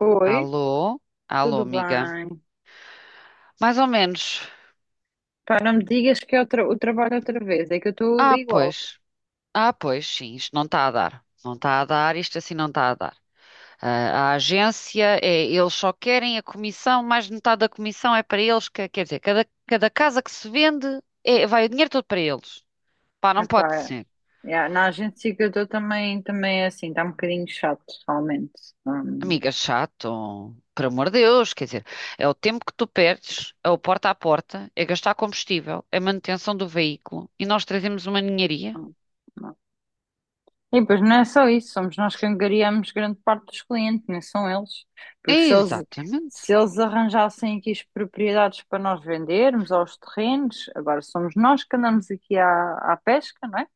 Oi, Alô? Alô, tudo amiga. bem? Mais ou menos. Pá, não me digas que é o trabalho outra vez, é que eu estou Ah, igual. pois. Ah, pois, sim, isto não está a dar. Não está a dar, isto assim não está a dar. Ah, a agência, é, eles só querem a comissão, mais de metade da comissão é para eles. Quer dizer, cada casa que se vende, é, vai o dinheiro todo para eles. Pá, não pode Epá, ser. Na agência que eu estou também é assim, está um bocadinho chato, realmente. Hum, Amiga, chato. Por amor de Deus, quer dizer, é o tempo que tu perdes, é o porta a porta, é gastar combustível, é manutenção do veículo e nós trazemos uma ninharia. hum, hum. E depois não é só isso, somos nós que angariamos grande parte dos clientes, não são eles. Porque se eles, Exatamente. Se eles arranjassem aqui as propriedades para nós vendermos, aos terrenos, agora somos nós que andamos aqui à pesca, não é?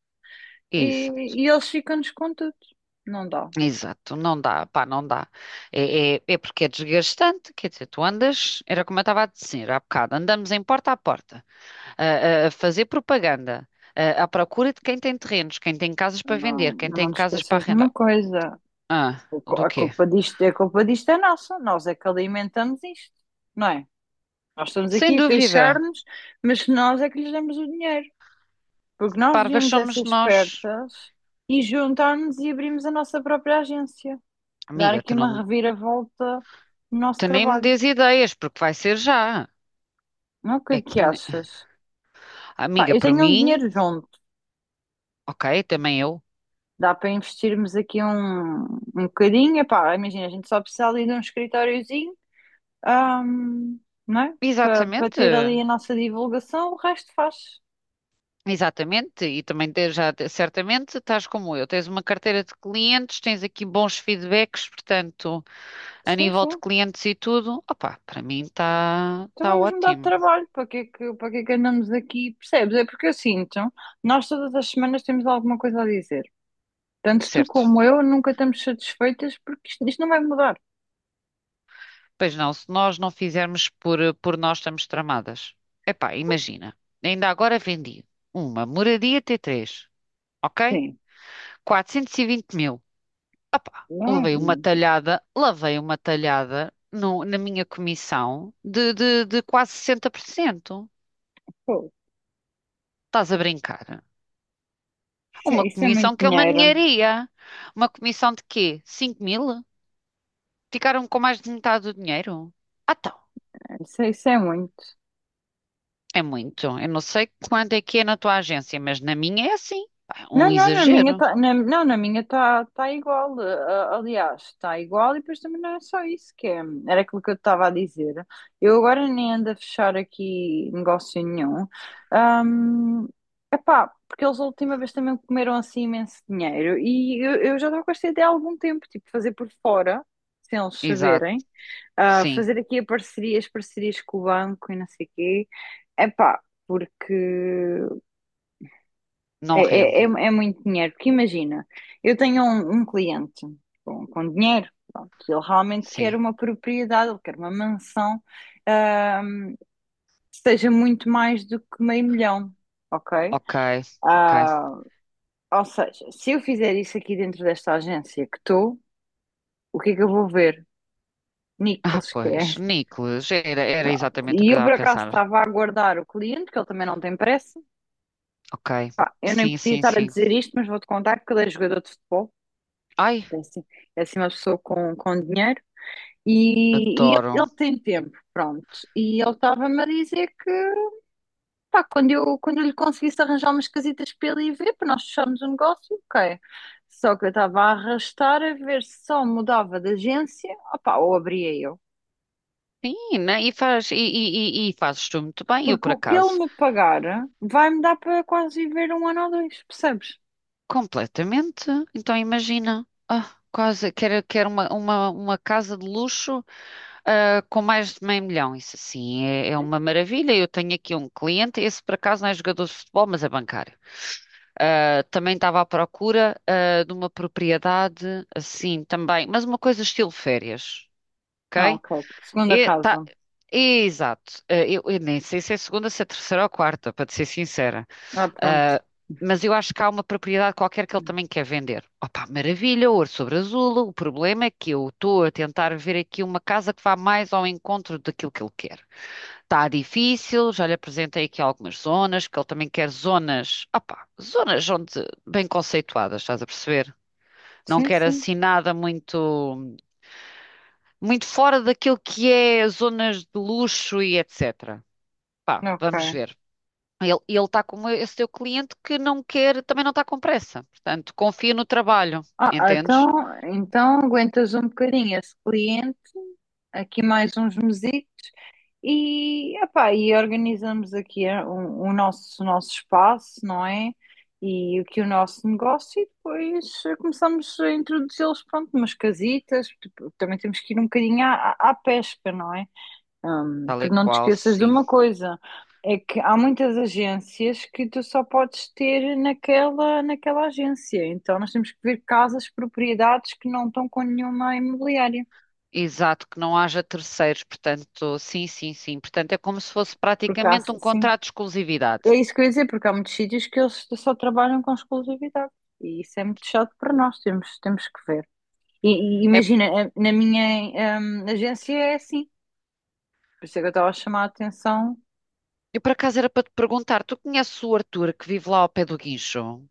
Exato, E eles ficam-nos com tudo. Não dá. exato, não dá, pá, não dá. É porque é desgastante, quer dizer, tu andas, era como eu estava a dizer há bocado, andamos em porta a porta a fazer propaganda, à procura de quem tem terrenos, quem tem casas para vender, quem Mas não tem te casas para esqueças de uma arrendar. coisa. Ah, do quê? A culpa disto é nossa. Nós é que alimentamos isto, não é? Nós estamos Sem aqui a dúvida, queixar-nos, mas nós é que lhes damos o dinheiro. Porque nós parvas devíamos é ser somos nós. espertas e juntar-nos e abrirmos a nossa própria agência. Dar Amiga, aqui uma reviravolta no nosso tu nem me trabalho. dês ideias, porque vai ser já. Não, o que É é que, que ne- achas? Pá, amiga, eu por tenho um mim, dinheiro junto. ok, também eu. Dá para investirmos aqui um bocadinho. Epá, imagina, a gente só precisa ali de um escritóriozinho. Ahm, não é? Para Exatamente. ter ali a nossa divulgação, o resto faz. Exatamente, e também te- já te- certamente estás como eu, tens uma carteira de clientes, tens aqui bons feedbacks, portanto, a Sim, nível de sim. clientes e tudo, opá, para mim está Então tá tá vamos mudar de ótimo, trabalho. Para que é que andamos aqui? Percebes? É porque eu sinto, nós todas as semanas temos alguma coisa a dizer. Tanto tu certo? como eu nunca estamos satisfeitas porque isto não vai mudar. Pois não, se nós não fizermos por nós estamos tramadas. Epá, imagina, ainda agora vendi uma moradia T3, ok? Sim, 420.000. Opá, não, levei uma talhada, lavei uma talhada na minha comissão de quase 60%. pô, Estás a brincar? Uma isso é comissão muito que é uma dinheiro. ninharia. Uma comissão de quê? 5.000? Ficaram com mais de metade do dinheiro? Ah, então, Isso é muito. é muito. Eu não sei quanto é que é na tua agência, mas na minha é assim. Pá, um Não, não, na minha exagero. tá, na, não, Na minha está igual. Aliás, está igual e depois também não é só isso que é. Era aquilo que eu estava a dizer. Eu agora nem ando a fechar aqui negócio nenhum. Ahm, epá, porque eles a última vez também comeram assim imenso dinheiro e eu já estava com esta ideia há algum tempo, tipo, fazer por fora, sem eles Exato, saberem, ah, sim. fazer aqui a parceria, as parcerias com o banco e não sei o quê. Epá, porque Não rende. É muito dinheiro, porque imagina, eu tenho um cliente com dinheiro, pronto, que ele realmente quer Sim. uma propriedade, ele quer uma mansão, ahm, que seja muito mais do que meio milhão, ok? Ok, ok. Ah, ou seja, se eu fizer isso aqui dentro desta agência que estou, o que é que eu vou ver? Ah, Nichols, que é. pois, Nicolas, era, era Pronto. exatamente o que E eu eu estava por a acaso pensar. estava a aguardar o cliente, que ele também não tem pressa. Ok. Pá, eu nem Sim, podia sim, estar a sim. dizer isto, mas vou-te contar que ele é jogador de futebol. Ai, É assim, é assim uma pessoa com dinheiro e adoro. ele tem tempo, pronto. E ele estava-me a dizer que pá, quando eu lhe conseguisse arranjar umas casitas para ele ir ver, para nós fecharmos o negócio, ok. Só que eu estava a arrastar a ver se só mudava de agência, opá, ou abria eu. Sim, né? E faz, e fazes tu muito bem, eu Porque por o que ele acaso. me pagar vai-me dar para quase viver um ano ou dois, percebes? Completamente. Então imagina, quase quer uma casa de luxo, com mais de meio milhão. Isso assim é, é uma maravilha. Eu tenho aqui um cliente, esse por acaso não é jogador de futebol, mas é bancário. Ah, também estava à procura, de uma propriedade assim também, mas uma coisa estilo férias, Ah, ok? ok. Segunda E, tá, casa. exato. Ah, eu nem sei se é segunda, se é terceira ou quarta, para te ser sincera. Ah, pronto. Ah, mas eu acho que há uma propriedade qualquer que ele também quer vender. Opa, maravilha, ouro sobre azul. O problema é que eu estou a tentar ver aqui uma casa que vá mais ao encontro daquilo que ele quer. Está difícil, já lhe apresentei aqui algumas zonas, porque ele também quer zonas, opa, zonas onde bem conceituadas, estás a perceber? Não Sim, quer sim. assim nada muito, muito fora daquilo que é zonas de luxo e etc. Pá, Ok. vamos ver. Ele está com esse teu cliente que não quer, também não está com pressa. Portanto, confia no trabalho, Ah, entendes? então, então aguentas um bocadinho esse cliente, aqui mais uns mesitos e, epá, e organizamos aqui eh, o nosso espaço, não é? E aqui o nosso negócio e depois eh, começamos a introduzi-los, pronto, umas casitas, tipo, também temos que ir um bocadinho à pesca, não é? Tal e Porque não te qual, esqueças de sim. uma coisa, é que há muitas agências que tu só podes ter naquela agência. Então nós temos que ver casas, propriedades que não estão com nenhuma imobiliária. Exato, que não haja terceiros, portanto, sim, sim, sim. Portanto, é como se fosse Porque há, praticamente um sim, contrato de é exclusividade. isso que eu ia dizer, porque há muitos sítios que eles só trabalham com exclusividade. E isso é muito chato para nós, temos, temos que ver. E É, imagina, na minha, agência é assim. Por isso é que eu estava a chamar a atenção. eu por acaso era para te perguntar, tu conheces o Arthur que vive lá ao pé do Guincho?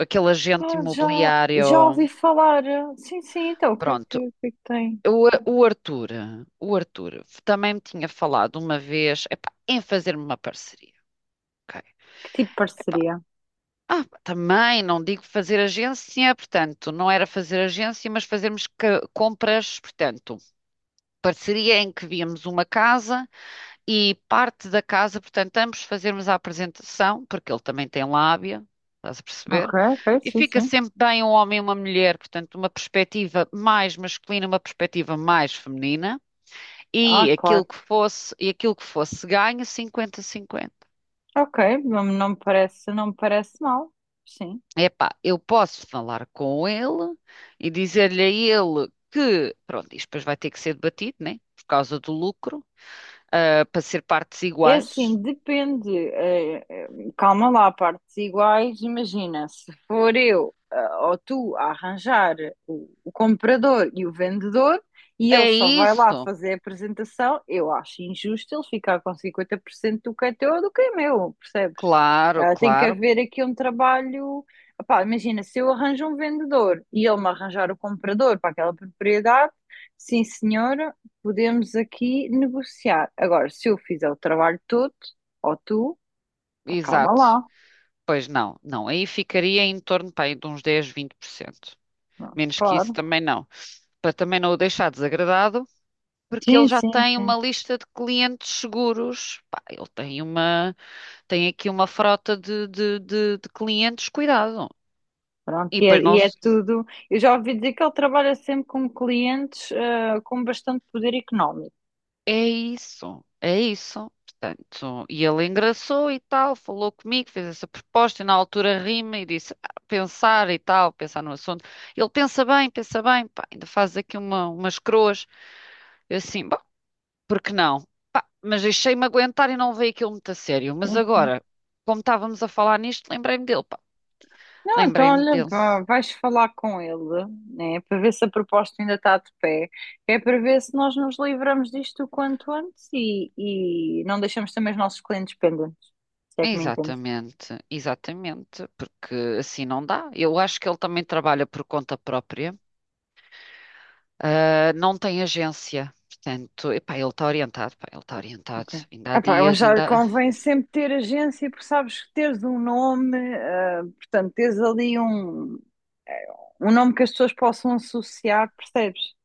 Aquele agente Ah, já, já imobiliário. ouvi falar. Sim, sim, então, Pronto. O que é que tem? O Arthur, o Arthur também me tinha falado uma vez, epá, em fazer-me uma parceria, ok? Que tipo de parceria? Ah, também não digo fazer agência, portanto, não era fazer agência, mas fazermos compras, portanto, parceria em que víamos uma casa e parte da casa, portanto, ambos fazermos a apresentação, porque ele também tem lábia, estás a Ok, perceber? ok, E sim, fica sim. sempre bem um homem e uma mulher, portanto, uma perspectiva mais masculina, uma perspectiva mais feminina, Ah, e aquilo claro. que fosse, e aquilo que fosse ganho, 50-50. Ok, não, não me parece, não me parece mal. Sim. Epá, eu posso falar com ele e dizer-lhe a ele que, pronto, isto depois vai ter que ser debatido, né? Por causa do lucro, para ser partes É iguais. assim, depende. Calma lá, partes iguais. Imagina, se for eu ah, ou tu a arranjar o comprador e o vendedor e ele É só vai lá isso? fazer a apresentação, eu acho injusto ele ficar com 50% do que é teu ou do que é meu, percebes? Claro, Ah, tem que claro, haver aqui um trabalho. Epá, imagina, se eu arranjo um vendedor e ele me arranjar o comprador para aquela propriedade, sim senhor, podemos aqui negociar. Agora, se eu fizer o trabalho todo, ou tu, calma exato. lá. Pois não, não, aí ficaria em torno, pá, aí de uns 10, 20%. Pronto, Menos que isso claro. também não. Para também não o deixar desagradado, porque ele Sim, já sim, tem uma sim. lista de clientes seguros. Pá, ele tem uma, tem aqui uma frota de clientes, cuidado. Pronto, E depois e nós. é tudo. Eu já ouvi dizer que ele trabalha sempre com clientes, ah, com bastante poder económico. É isso, é isso. Portanto, e ele engraçou e tal, falou comigo, fez essa proposta e na altura rima e disse "Ah, pensar e tal, pensar no assunto. Ele pensa bem, pá, ainda faz aqui uma, umas croas. Eu assim, bom, por que não? Pá, mas deixei-me aguentar e não levei aquilo muito a sério. Mas Sim, sim. agora, como estávamos a falar nisto, lembrei-me dele, pá. Não, então Lembrei-me olha, dele. Vais falar com ele, né, para ver se a proposta ainda está de pé, é para ver se nós nos livramos disto o quanto antes e não deixamos também os nossos clientes pendentes, se é que me entendes. Exatamente, exatamente, porque assim não dá. Eu acho que ele também trabalha por conta própria. Ah, não tem agência. Portanto, epá, ele está orientado, pá, ele está orientado. Ok. Ainda há Epá, eu dias, já ainda. Há- convém sempre ter agência, porque sabes que teres um nome, ah, portanto, teres ali um nome que as pessoas possam associar, percebes?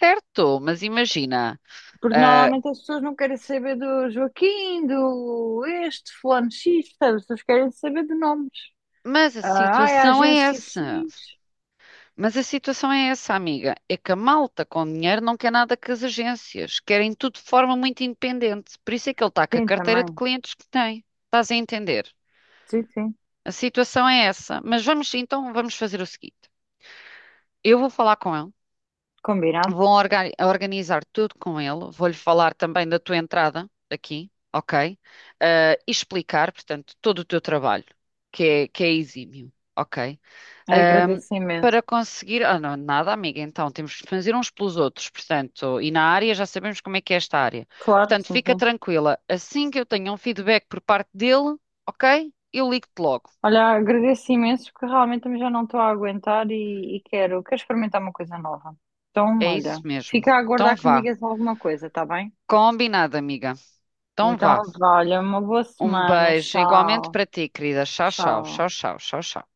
Certo, mas imagina. Porque ah, normalmente as pessoas não querem saber do Joaquim, do este, fulano X, percebes? As pessoas querem saber de nomes. mas a Ah, ai, a situação é agência X. essa. Mas a situação é essa, amiga. É que a malta com dinheiro não quer nada com as agências. Querem tudo de forma muito independente. Por isso é que ele está com a Sim, carteira de também. clientes que tem. Estás a entender? Sim, sim. A situação é essa. Mas vamos, então, vamos fazer o seguinte. Eu vou falar com ele. Combinado. Organizar tudo com ele. Vou-lhe falar também da tua entrada aqui, ok? Ah, e explicar, portanto, todo o teu trabalho, que é exímio, ok? Ahm, Agradeço imenso. Para conseguir. Ah, não, nada, amiga, então temos que fazer uns pelos outros, portanto, e na área já sabemos como é que é esta área. Claro, Portanto, sim, fica sim. tranquila. Assim que eu tenha um feedback por parte dele, ok? Eu ligo-te logo. Olha, agradeço imenso porque realmente também já não estou a aguentar e quero, quero experimentar uma coisa nova. Então, É isso olha, mesmo. fica a Então aguardar que me vá. digas alguma coisa, tá bem? Combinado, amiga. Então Então, vá. vá, olha, uma boa Um semana. beijo igualmente Tchau, para ti, querida. Tchau, tchau, tchau. tchau, tchau, tchau, tchau.